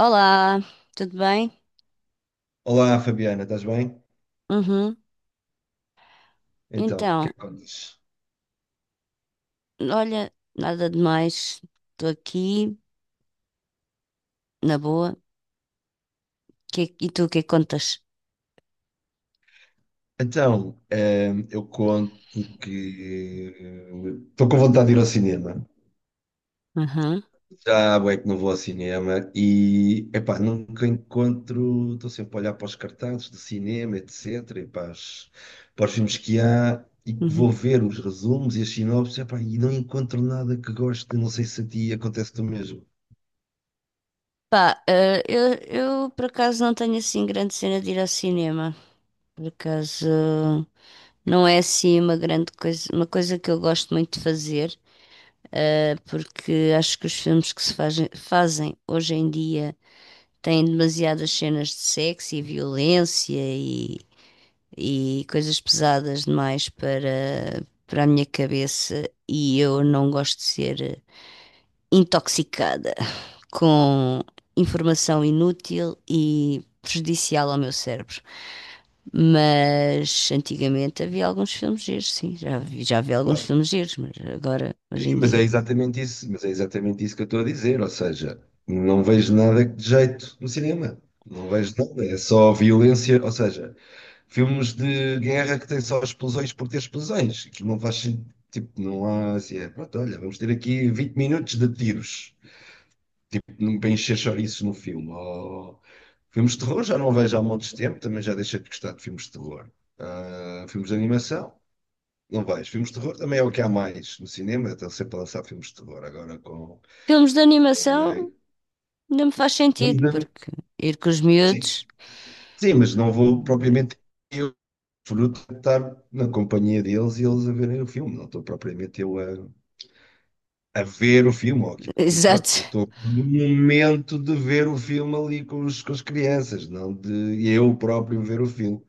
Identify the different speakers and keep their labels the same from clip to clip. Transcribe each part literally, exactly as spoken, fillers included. Speaker 1: Olá, tudo bem?
Speaker 2: Olá, Fabiana, estás bem?
Speaker 1: Uhum.
Speaker 2: Então, o que é
Speaker 1: Então,
Speaker 2: que contas?
Speaker 1: olha, nada demais. Estou aqui, na boa. Que- e tu, o que é que contas?
Speaker 2: Então, ehm, eu conto que estou com vontade de ir ao cinema.
Speaker 1: Uhum.
Speaker 2: Já há bué que não vou ao cinema e, epá, nunca encontro, estou sempre a olhar para os cartazes de cinema, etc, e para, as- para os filmes que há e que
Speaker 1: Uhum.
Speaker 2: vou ver os resumos e as sinopses, epá, e não encontro nada que goste, não sei se a ti acontece do mesmo.
Speaker 1: Pá, eh, eu, eu por acaso não tenho assim grande cena de ir ao cinema. Por acaso não é assim uma grande coisa, uma coisa que eu gosto muito de fazer, eh, porque acho que os filmes que se fazem, fazem hoje em dia têm demasiadas cenas de sexo e violência e coisas pesadas demais para, para a minha cabeça e eu não gosto de ser intoxicada com informação inútil e prejudicial ao meu cérebro. Mas antigamente havia alguns filmes giros, sim, já vi, já vi alguns
Speaker 2: Claro.
Speaker 1: filmes giros, mas agora, hoje
Speaker 2: Sim,
Speaker 1: em
Speaker 2: mas é
Speaker 1: dia.
Speaker 2: exatamente isso, mas é exatamente isso que eu estou a dizer, ou seja, não vejo nada de jeito no cinema, não vejo nada, é só violência, ou seja, filmes de guerra que têm só explosões por ter explosões, que não faz sentido, tipo, não há assim, é, pronto, olha, vamos ter aqui vinte minutos de tiros, não para encher chouriços no filme, ou filmes de terror já não vejo há montes de tempo, também já deixei de gostar de filmes de terror. Ah, filmes de animação, não vejo, filmes de terror também é o que há mais no cinema, estão sempre a lançar filmes de terror agora com
Speaker 1: Filmes de animação
Speaker 2: eh,
Speaker 1: não me faz
Speaker 2: vamos
Speaker 1: sentido,
Speaker 2: ver.
Speaker 1: porque ir com os
Speaker 2: Sim,
Speaker 1: miúdos.
Speaker 2: sim, mas não vou propriamente eu fruto de estar na companhia deles e eles a verem o filme. Não estou propriamente eu a, a ver o filme, ou aquilo. Pronto, eu
Speaker 1: Exato,
Speaker 2: estou no momento de ver o filme ali com, os, com as crianças, não de eu próprio ver o filme.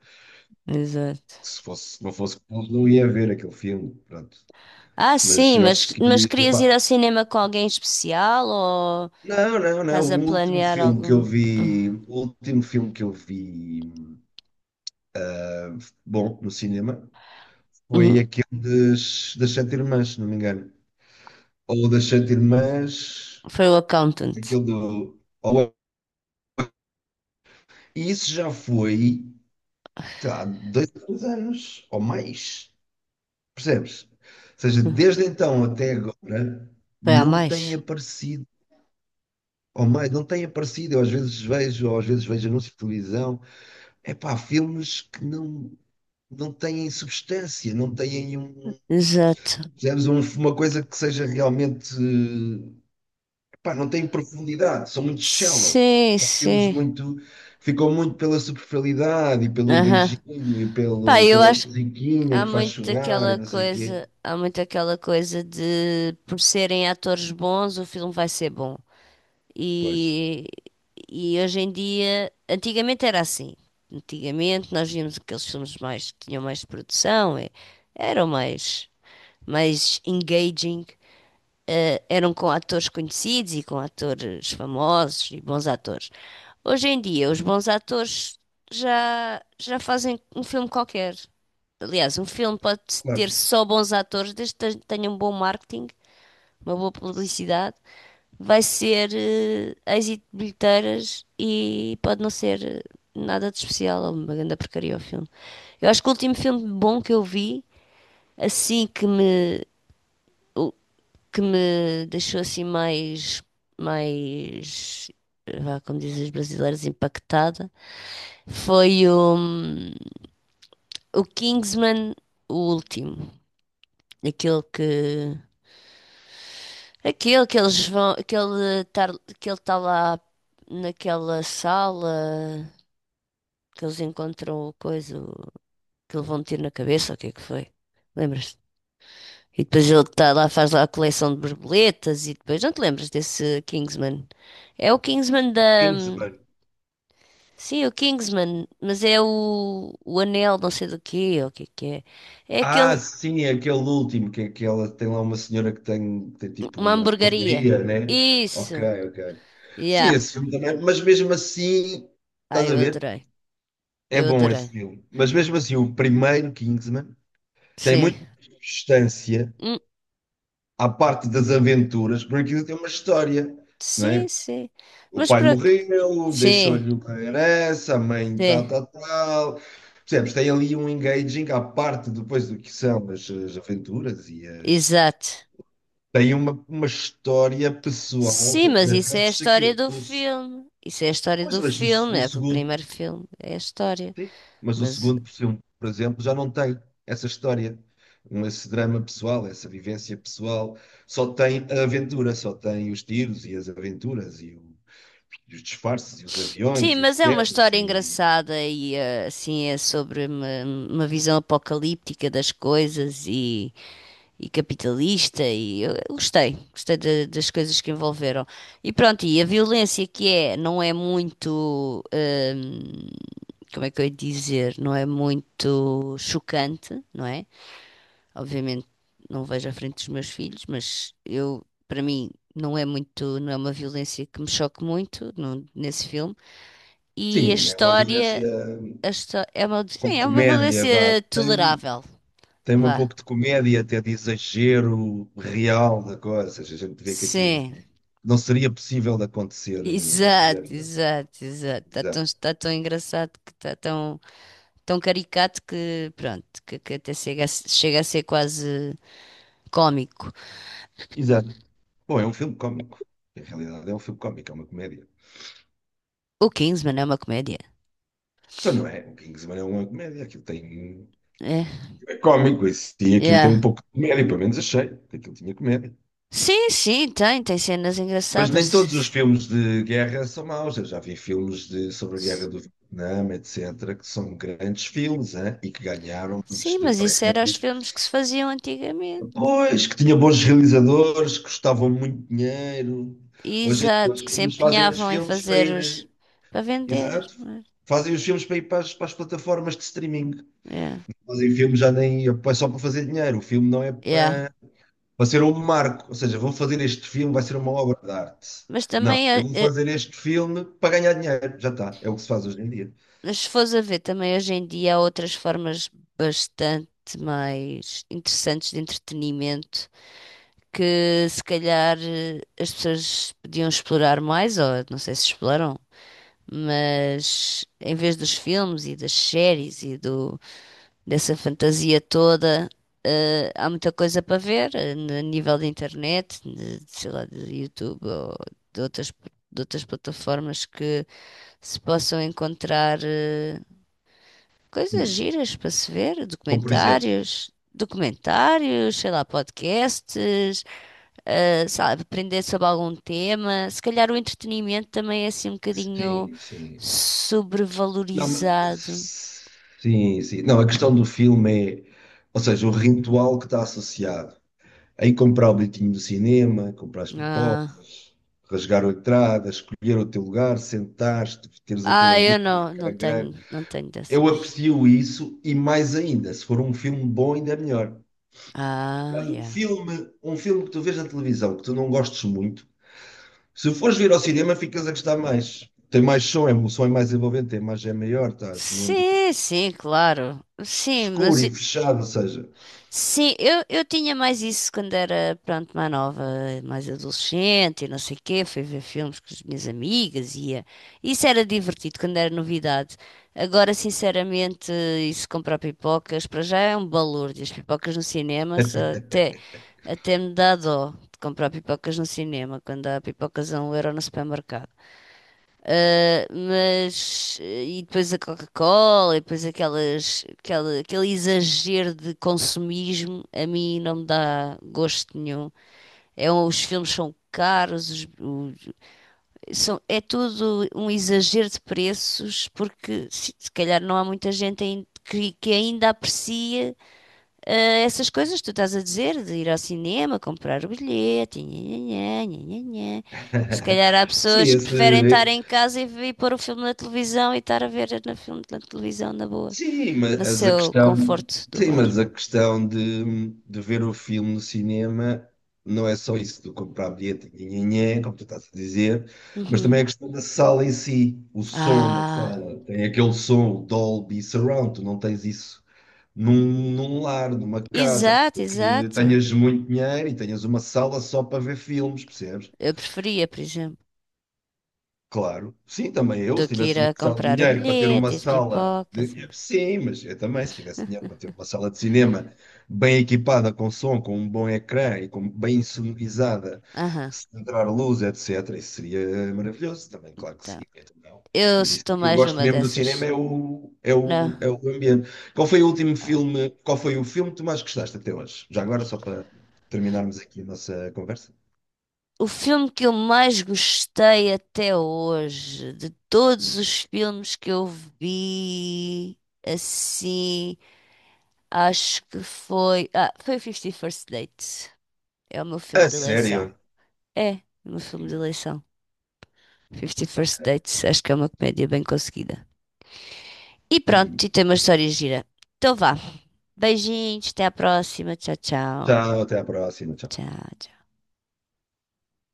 Speaker 1: exato.
Speaker 2: Se fosse, se não fosse com eles, não ia ver aquele filme. Pronto.
Speaker 1: Ah,
Speaker 2: Mas
Speaker 1: sim,
Speaker 2: eu acho
Speaker 1: mas, mas
Speaker 2: que,
Speaker 1: querias ir
Speaker 2: epá,
Speaker 1: ao cinema com alguém especial ou
Speaker 2: não, não, não.
Speaker 1: estás a
Speaker 2: O último
Speaker 1: planear
Speaker 2: filme que eu
Speaker 1: algum?
Speaker 2: vi, o último filme que eu vi bom no cinema
Speaker 1: Uhum.
Speaker 2: foi aquele das, das Sete Irmãs, se não me engano. Ou das Sete Irmãs,
Speaker 1: Foi o accountant.
Speaker 2: aquele do. Ou... E isso já foi tá, há dois, três anos ou mais, percebes? Ou seja, desde então até agora
Speaker 1: Foi a
Speaker 2: não
Speaker 1: mais?
Speaker 2: tem aparecido, ou mais, não tem aparecido. Eu às vezes vejo, ou às vezes vejo anúncios de televisão, é pá, filmes que não, não têm substância, não têm um.
Speaker 1: Exato.
Speaker 2: Percebes? Um- Uma coisa que seja realmente pá, não têm profundidade, são muito shallow.
Speaker 1: Sim,
Speaker 2: São filmes
Speaker 1: sim.
Speaker 2: muito, ficam muito pela superficialidade e pelo
Speaker 1: Aham.
Speaker 2: beijinho e
Speaker 1: Pá,
Speaker 2: pelo,
Speaker 1: eu
Speaker 2: pela
Speaker 1: acho que
Speaker 2: musiquinha
Speaker 1: há
Speaker 2: que faz
Speaker 1: muito
Speaker 2: chorar e
Speaker 1: aquela
Speaker 2: não sei o quê.
Speaker 1: coisa, há muito aquela coisa de por serem atores bons, o filme vai ser bom.
Speaker 2: Pois,
Speaker 1: E, e hoje em dia, antigamente era assim. Antigamente nós víamos aqueles filmes mais que tinham mais produção, e- eram mais, mais engaging, eh, eram com atores conhecidos e com atores famosos e bons atores. Hoje em dia, os bons atores já, já fazem um filme qualquer. Aliás, um filme pode ter
Speaker 2: claro.
Speaker 1: só bons atores, desde que tenha um bom marketing, uma boa publicidade vai ser eh, êxito de bilheteiras e pode não ser eh, nada de especial, ou uma grande porcaria o filme. Eu acho que o último filme bom que eu vi, assim que me, o- que me deixou assim mais, mais, eh, vá, como dizem os brasileiros, impactada, foi o, hum, o Kingsman, o último. Aquele que, Aquele que eles vão, aquele tar, que ele está lá naquela sala, que eles encontram o coisa, o- que lhe vão ter na cabeça, o que é que foi? Lembras-te? E depois ele está lá, faz lá a coleção de borboletas e depois não te lembras desse Kingsman? É o Kingsman da.
Speaker 2: Kingsman.
Speaker 1: Sim, é o Kingsman, mas é o, o anel não sei do quê, ou o que é que é. É
Speaker 2: Ah,
Speaker 1: aquele,
Speaker 2: sim, é aquele último, que é aquela, tem lá uma senhora que tem, que tem tipo
Speaker 1: uma
Speaker 2: uma
Speaker 1: hamburgueria.
Speaker 2: burgueria, né? Ok,
Speaker 1: Isso!
Speaker 2: ok. Sim,
Speaker 1: Yeah!
Speaker 2: esse filme também, mas mesmo assim, estás
Speaker 1: Ai,
Speaker 2: a
Speaker 1: eu
Speaker 2: ver?
Speaker 1: adorei.
Speaker 2: É
Speaker 1: Eu
Speaker 2: bom esse
Speaker 1: adorei.
Speaker 2: filme. Mas mesmo assim, o primeiro Kingsman tem
Speaker 1: Sim.
Speaker 2: muito mais substância à parte das aventuras, porque aquilo tem uma história, não é?
Speaker 1: Sim, sim.
Speaker 2: O
Speaker 1: Mas
Speaker 2: pai
Speaker 1: para que...
Speaker 2: morreu,
Speaker 1: Sim,
Speaker 2: deixou-lhe uma herança, a mãe
Speaker 1: sim,
Speaker 2: tal, tal, tal. Percebes? Tem ali um engaging à parte depois do que são as, as aventuras e as.
Speaker 1: exato.
Speaker 2: Tem uma, uma história pessoal
Speaker 1: Sim, mas isso é a
Speaker 2: atrás
Speaker 1: história
Speaker 2: daquilo.
Speaker 1: do
Speaker 2: O, se-
Speaker 1: filme. Isso é a história
Speaker 2: pois,
Speaker 1: do
Speaker 2: mas o, se-
Speaker 1: filme,
Speaker 2: o
Speaker 1: é o
Speaker 2: segundo.
Speaker 1: primeiro filme, é a história.
Speaker 2: Sim. Mas o
Speaker 1: Mas
Speaker 2: segundo, por exemplo, por exemplo, já não tem essa história, um- esse drama pessoal, essa vivência pessoal. Só tem a aventura, só tem os tiros e as aventuras e, o- e os disfarces e os
Speaker 1: sim,
Speaker 2: aviões e as
Speaker 1: mas é uma
Speaker 2: quedas
Speaker 1: história
Speaker 2: e...
Speaker 1: engraçada e eh, assim é sobre uma, uma visão apocalíptica das coisas e e capitalista e eu gostei, gostei da- das coisas que envolveram. E pronto, e a violência que é, não é muito, hum, como é que eu ia dizer, não é muito chocante, não é? Obviamente não vejo à frente dos meus filhos, mas eu, para mim, não é muito, não é uma violência que me choque muito no- nesse filme. E a
Speaker 2: Sim, é uma violência
Speaker 1: história, a histó- é uma,
Speaker 2: com
Speaker 1: sim, é uma
Speaker 2: comédia, vá.
Speaker 1: violência
Speaker 2: Tem,
Speaker 1: tolerável,
Speaker 2: tem um
Speaker 1: vá.
Speaker 2: pouco de comédia, até de exagero real da coisa. Ou seja, a gente vê que aquilo não,
Speaker 1: Sim,
Speaker 2: não seria possível de acontecer eh, na vida
Speaker 1: exato,
Speaker 2: real.
Speaker 1: exato, exato. Está tão,
Speaker 2: Exato.
Speaker 1: tá tão engraçado que está tão, tão caricato que, pronto, que, que até chega a, se- chega a ser quase cómico.
Speaker 2: Exato. Bom, é um filme cómico. Em realidade, é um filme cómico, é uma comédia.
Speaker 1: O Kingsman é uma comédia.
Speaker 2: Então, não é? O Kingsman é uma comédia. Aquilo tem.
Speaker 1: É,
Speaker 2: É cómico, isso. E aquilo tem um
Speaker 1: yeah.
Speaker 2: pouco de comédia, pelo menos achei que aquilo tinha comédia.
Speaker 1: Sim, sim, tem, tem cenas
Speaker 2: Mas
Speaker 1: engraçadas.
Speaker 2: nem todos os
Speaker 1: S-
Speaker 2: filmes de guerra são maus. Eu já vi filmes de, sobre a guerra
Speaker 1: s-
Speaker 2: do Vietnã, etcétera, que são grandes filmes, hein? E que ganharam muitos
Speaker 1: Sim,
Speaker 2: de
Speaker 1: mas isso era os
Speaker 2: prémios.
Speaker 1: filmes que se faziam antigamente.
Speaker 2: Pois, que tinha bons realizadores, que custavam muito dinheiro. Hoje em dia os
Speaker 1: Exato, que se
Speaker 2: filmes fazem os
Speaker 1: empenhavam em
Speaker 2: filmes para
Speaker 1: fazer
Speaker 2: ir eh,
Speaker 1: os para vender.
Speaker 2: exato.
Speaker 1: Não é?
Speaker 2: Fazem os filmes para ir para as, para as plataformas de streaming.
Speaker 1: Yeah.
Speaker 2: Fazem filmes já nem é só para fazer dinheiro. O filme não é
Speaker 1: Yeah.
Speaker 2: para, para ser um marco. Ou seja, vou fazer este filme, vai ser uma obra de arte.
Speaker 1: Mas
Speaker 2: Não,
Speaker 1: também
Speaker 2: eu
Speaker 1: eh,
Speaker 2: vou
Speaker 1: eh,
Speaker 2: fazer este filme para ganhar dinheiro. Já está. É o que se faz hoje em dia.
Speaker 1: Mas se fores a ver também hoje em dia há outras formas bastante mais interessantes de entretenimento que se calhar eh, as pessoas podiam explorar mais, ou não sei se exploram, mas em vez dos filmes e das séries e do, dessa fantasia toda, eh, há muita coisa para ver eh, a nível da internet, de, sei lá, de YouTube ou de outras, de outras plataformas que se possam encontrar. Eh, coisas
Speaker 2: Hum.
Speaker 1: giras para se ver,
Speaker 2: Como por exemplo.
Speaker 1: documentários, documentários, sei lá, podcasts, ah, sei lá, aprender sobre algum tema. Se calhar o entretenimento também é assim um bocadinho
Speaker 2: Sim, sim. Não,
Speaker 1: sobrevalorizado.
Speaker 2: mas sim, sim. Não, a questão do filme é, ou seja, o ritual que está associado. Aí comprar o bilhetinho do cinema, comprar as pipocas,
Speaker 1: Ah,
Speaker 2: rasgar a entrada, escolher o teu lugar, sentar-te, teres aquele
Speaker 1: ah, eu
Speaker 2: ambiente, o
Speaker 1: não, não
Speaker 2: ecrã grande.
Speaker 1: tenho, não tenho
Speaker 2: Eu
Speaker 1: dessas.
Speaker 2: aprecio isso e mais ainda, se for um filme bom, ainda é melhor.
Speaker 1: Ah,
Speaker 2: Aliás, um
Speaker 1: yeah.
Speaker 2: filme, um filme que tu vês na televisão que tu não gostes muito, se fores vir ao cinema, ficas a gostar mais. Tem mais som, é, o som é mais envolvente, a imagem é maior, estás num ambiente
Speaker 1: Sim, sim, claro. Sim,
Speaker 2: escuro
Speaker 1: mas
Speaker 2: e fechado, ou seja.
Speaker 1: sim, eu, eu tinha mais isso quando era, pronto, mais nova, mais adolescente e não sei o quê. Fui ver filmes com as minhas amigas e ia. Isso era divertido quando era novidade. Agora, sinceramente, isso comprar pipocas, para já é um balúrdio. As pipocas no cinema só até, até me dá dó de comprar pipocas no cinema, quando há pipocas a um euro no supermercado. Uh, mas eh, e depois a Coca-Cola e depois aquelas, aquela, aquele exagero de consumismo a mim não me dá gosto nenhum. É, um- os filmes são caros, os- os- são, é tudo um exagero de preços porque se, se calhar não há muita gente ain- que, que ainda aprecia eh, essas coisas que tu estás a dizer, de ir ao cinema, comprar o bilhete, nhanhanhã, nhanhanhã. Se calhar há
Speaker 2: Sim,
Speaker 1: pessoas que preferem estar
Speaker 2: esse,
Speaker 1: em casa e, ver- e pôr o filme na televisão e estar a ver na filme na televisão na boa,
Speaker 2: sim,
Speaker 1: no
Speaker 2: mas a
Speaker 1: seu
Speaker 2: questão,
Speaker 1: conforto do
Speaker 2: sim,
Speaker 1: lar.
Speaker 2: mas a questão de, de ver o filme no cinema não é só isso do comprar bilhete, nhenhenhé, como tu estás a dizer, mas também é a
Speaker 1: Uhum.
Speaker 2: questão da sala em si, o som da
Speaker 1: Ah,
Speaker 2: sala, tem aquele som, o Dolby Surround, tu não tens isso num, num lar, numa casa,
Speaker 1: exato,
Speaker 2: tem que
Speaker 1: exato.
Speaker 2: tenhas muito dinheiro e tenhas uma sala só para ver filmes, percebes?
Speaker 1: Eu preferia, por exemplo,
Speaker 2: Claro, sim, também eu,
Speaker 1: do
Speaker 2: se
Speaker 1: que
Speaker 2: tivesse
Speaker 1: ir
Speaker 2: uma
Speaker 1: a
Speaker 2: sala de
Speaker 1: comprar o
Speaker 2: dinheiro para ter uma
Speaker 1: bilhete, as
Speaker 2: sala
Speaker 1: pipocas. E
Speaker 2: de.
Speaker 1: não sei.
Speaker 2: Sim, mas eu também, se tivesse dinheiro para ter uma sala de cinema bem equipada com som, com um bom ecrã e com bem sonorizada,
Speaker 1: Aham,
Speaker 2: se entrar luz, etcétera, isso seria maravilhoso também, claro que sim,
Speaker 1: tá.
Speaker 2: então não.
Speaker 1: Eu
Speaker 2: Mas isso
Speaker 1: estou
Speaker 2: que eu
Speaker 1: mais
Speaker 2: gosto
Speaker 1: numa
Speaker 2: mesmo do cinema
Speaker 1: dessas.
Speaker 2: é o, é
Speaker 1: Não.
Speaker 2: o, é o ambiente. Qual foi o último
Speaker 1: Ah,
Speaker 2: filme, qual foi o filme que tu mais gostaste até hoje? Já agora, só para terminarmos aqui a nossa conversa.
Speaker 1: o filme que eu mais gostei até hoje, de todos os filmes que eu vi, assim, acho que foi. Ah, foi o fifty First Dates. É o meu filme
Speaker 2: A
Speaker 1: de eleição.
Speaker 2: sério?
Speaker 1: É, o meu filme de
Speaker 2: Hum.
Speaker 1: eleição. Fifty First
Speaker 2: Ok.
Speaker 1: Dates, acho que é uma comédia bem conseguida. E pronto, e tem uma história gira. Então vá. Beijinhos, até à próxima. Tchau, tchau.
Speaker 2: Tchau, até a próxima. Tchau.
Speaker 1: Tchau, tchau.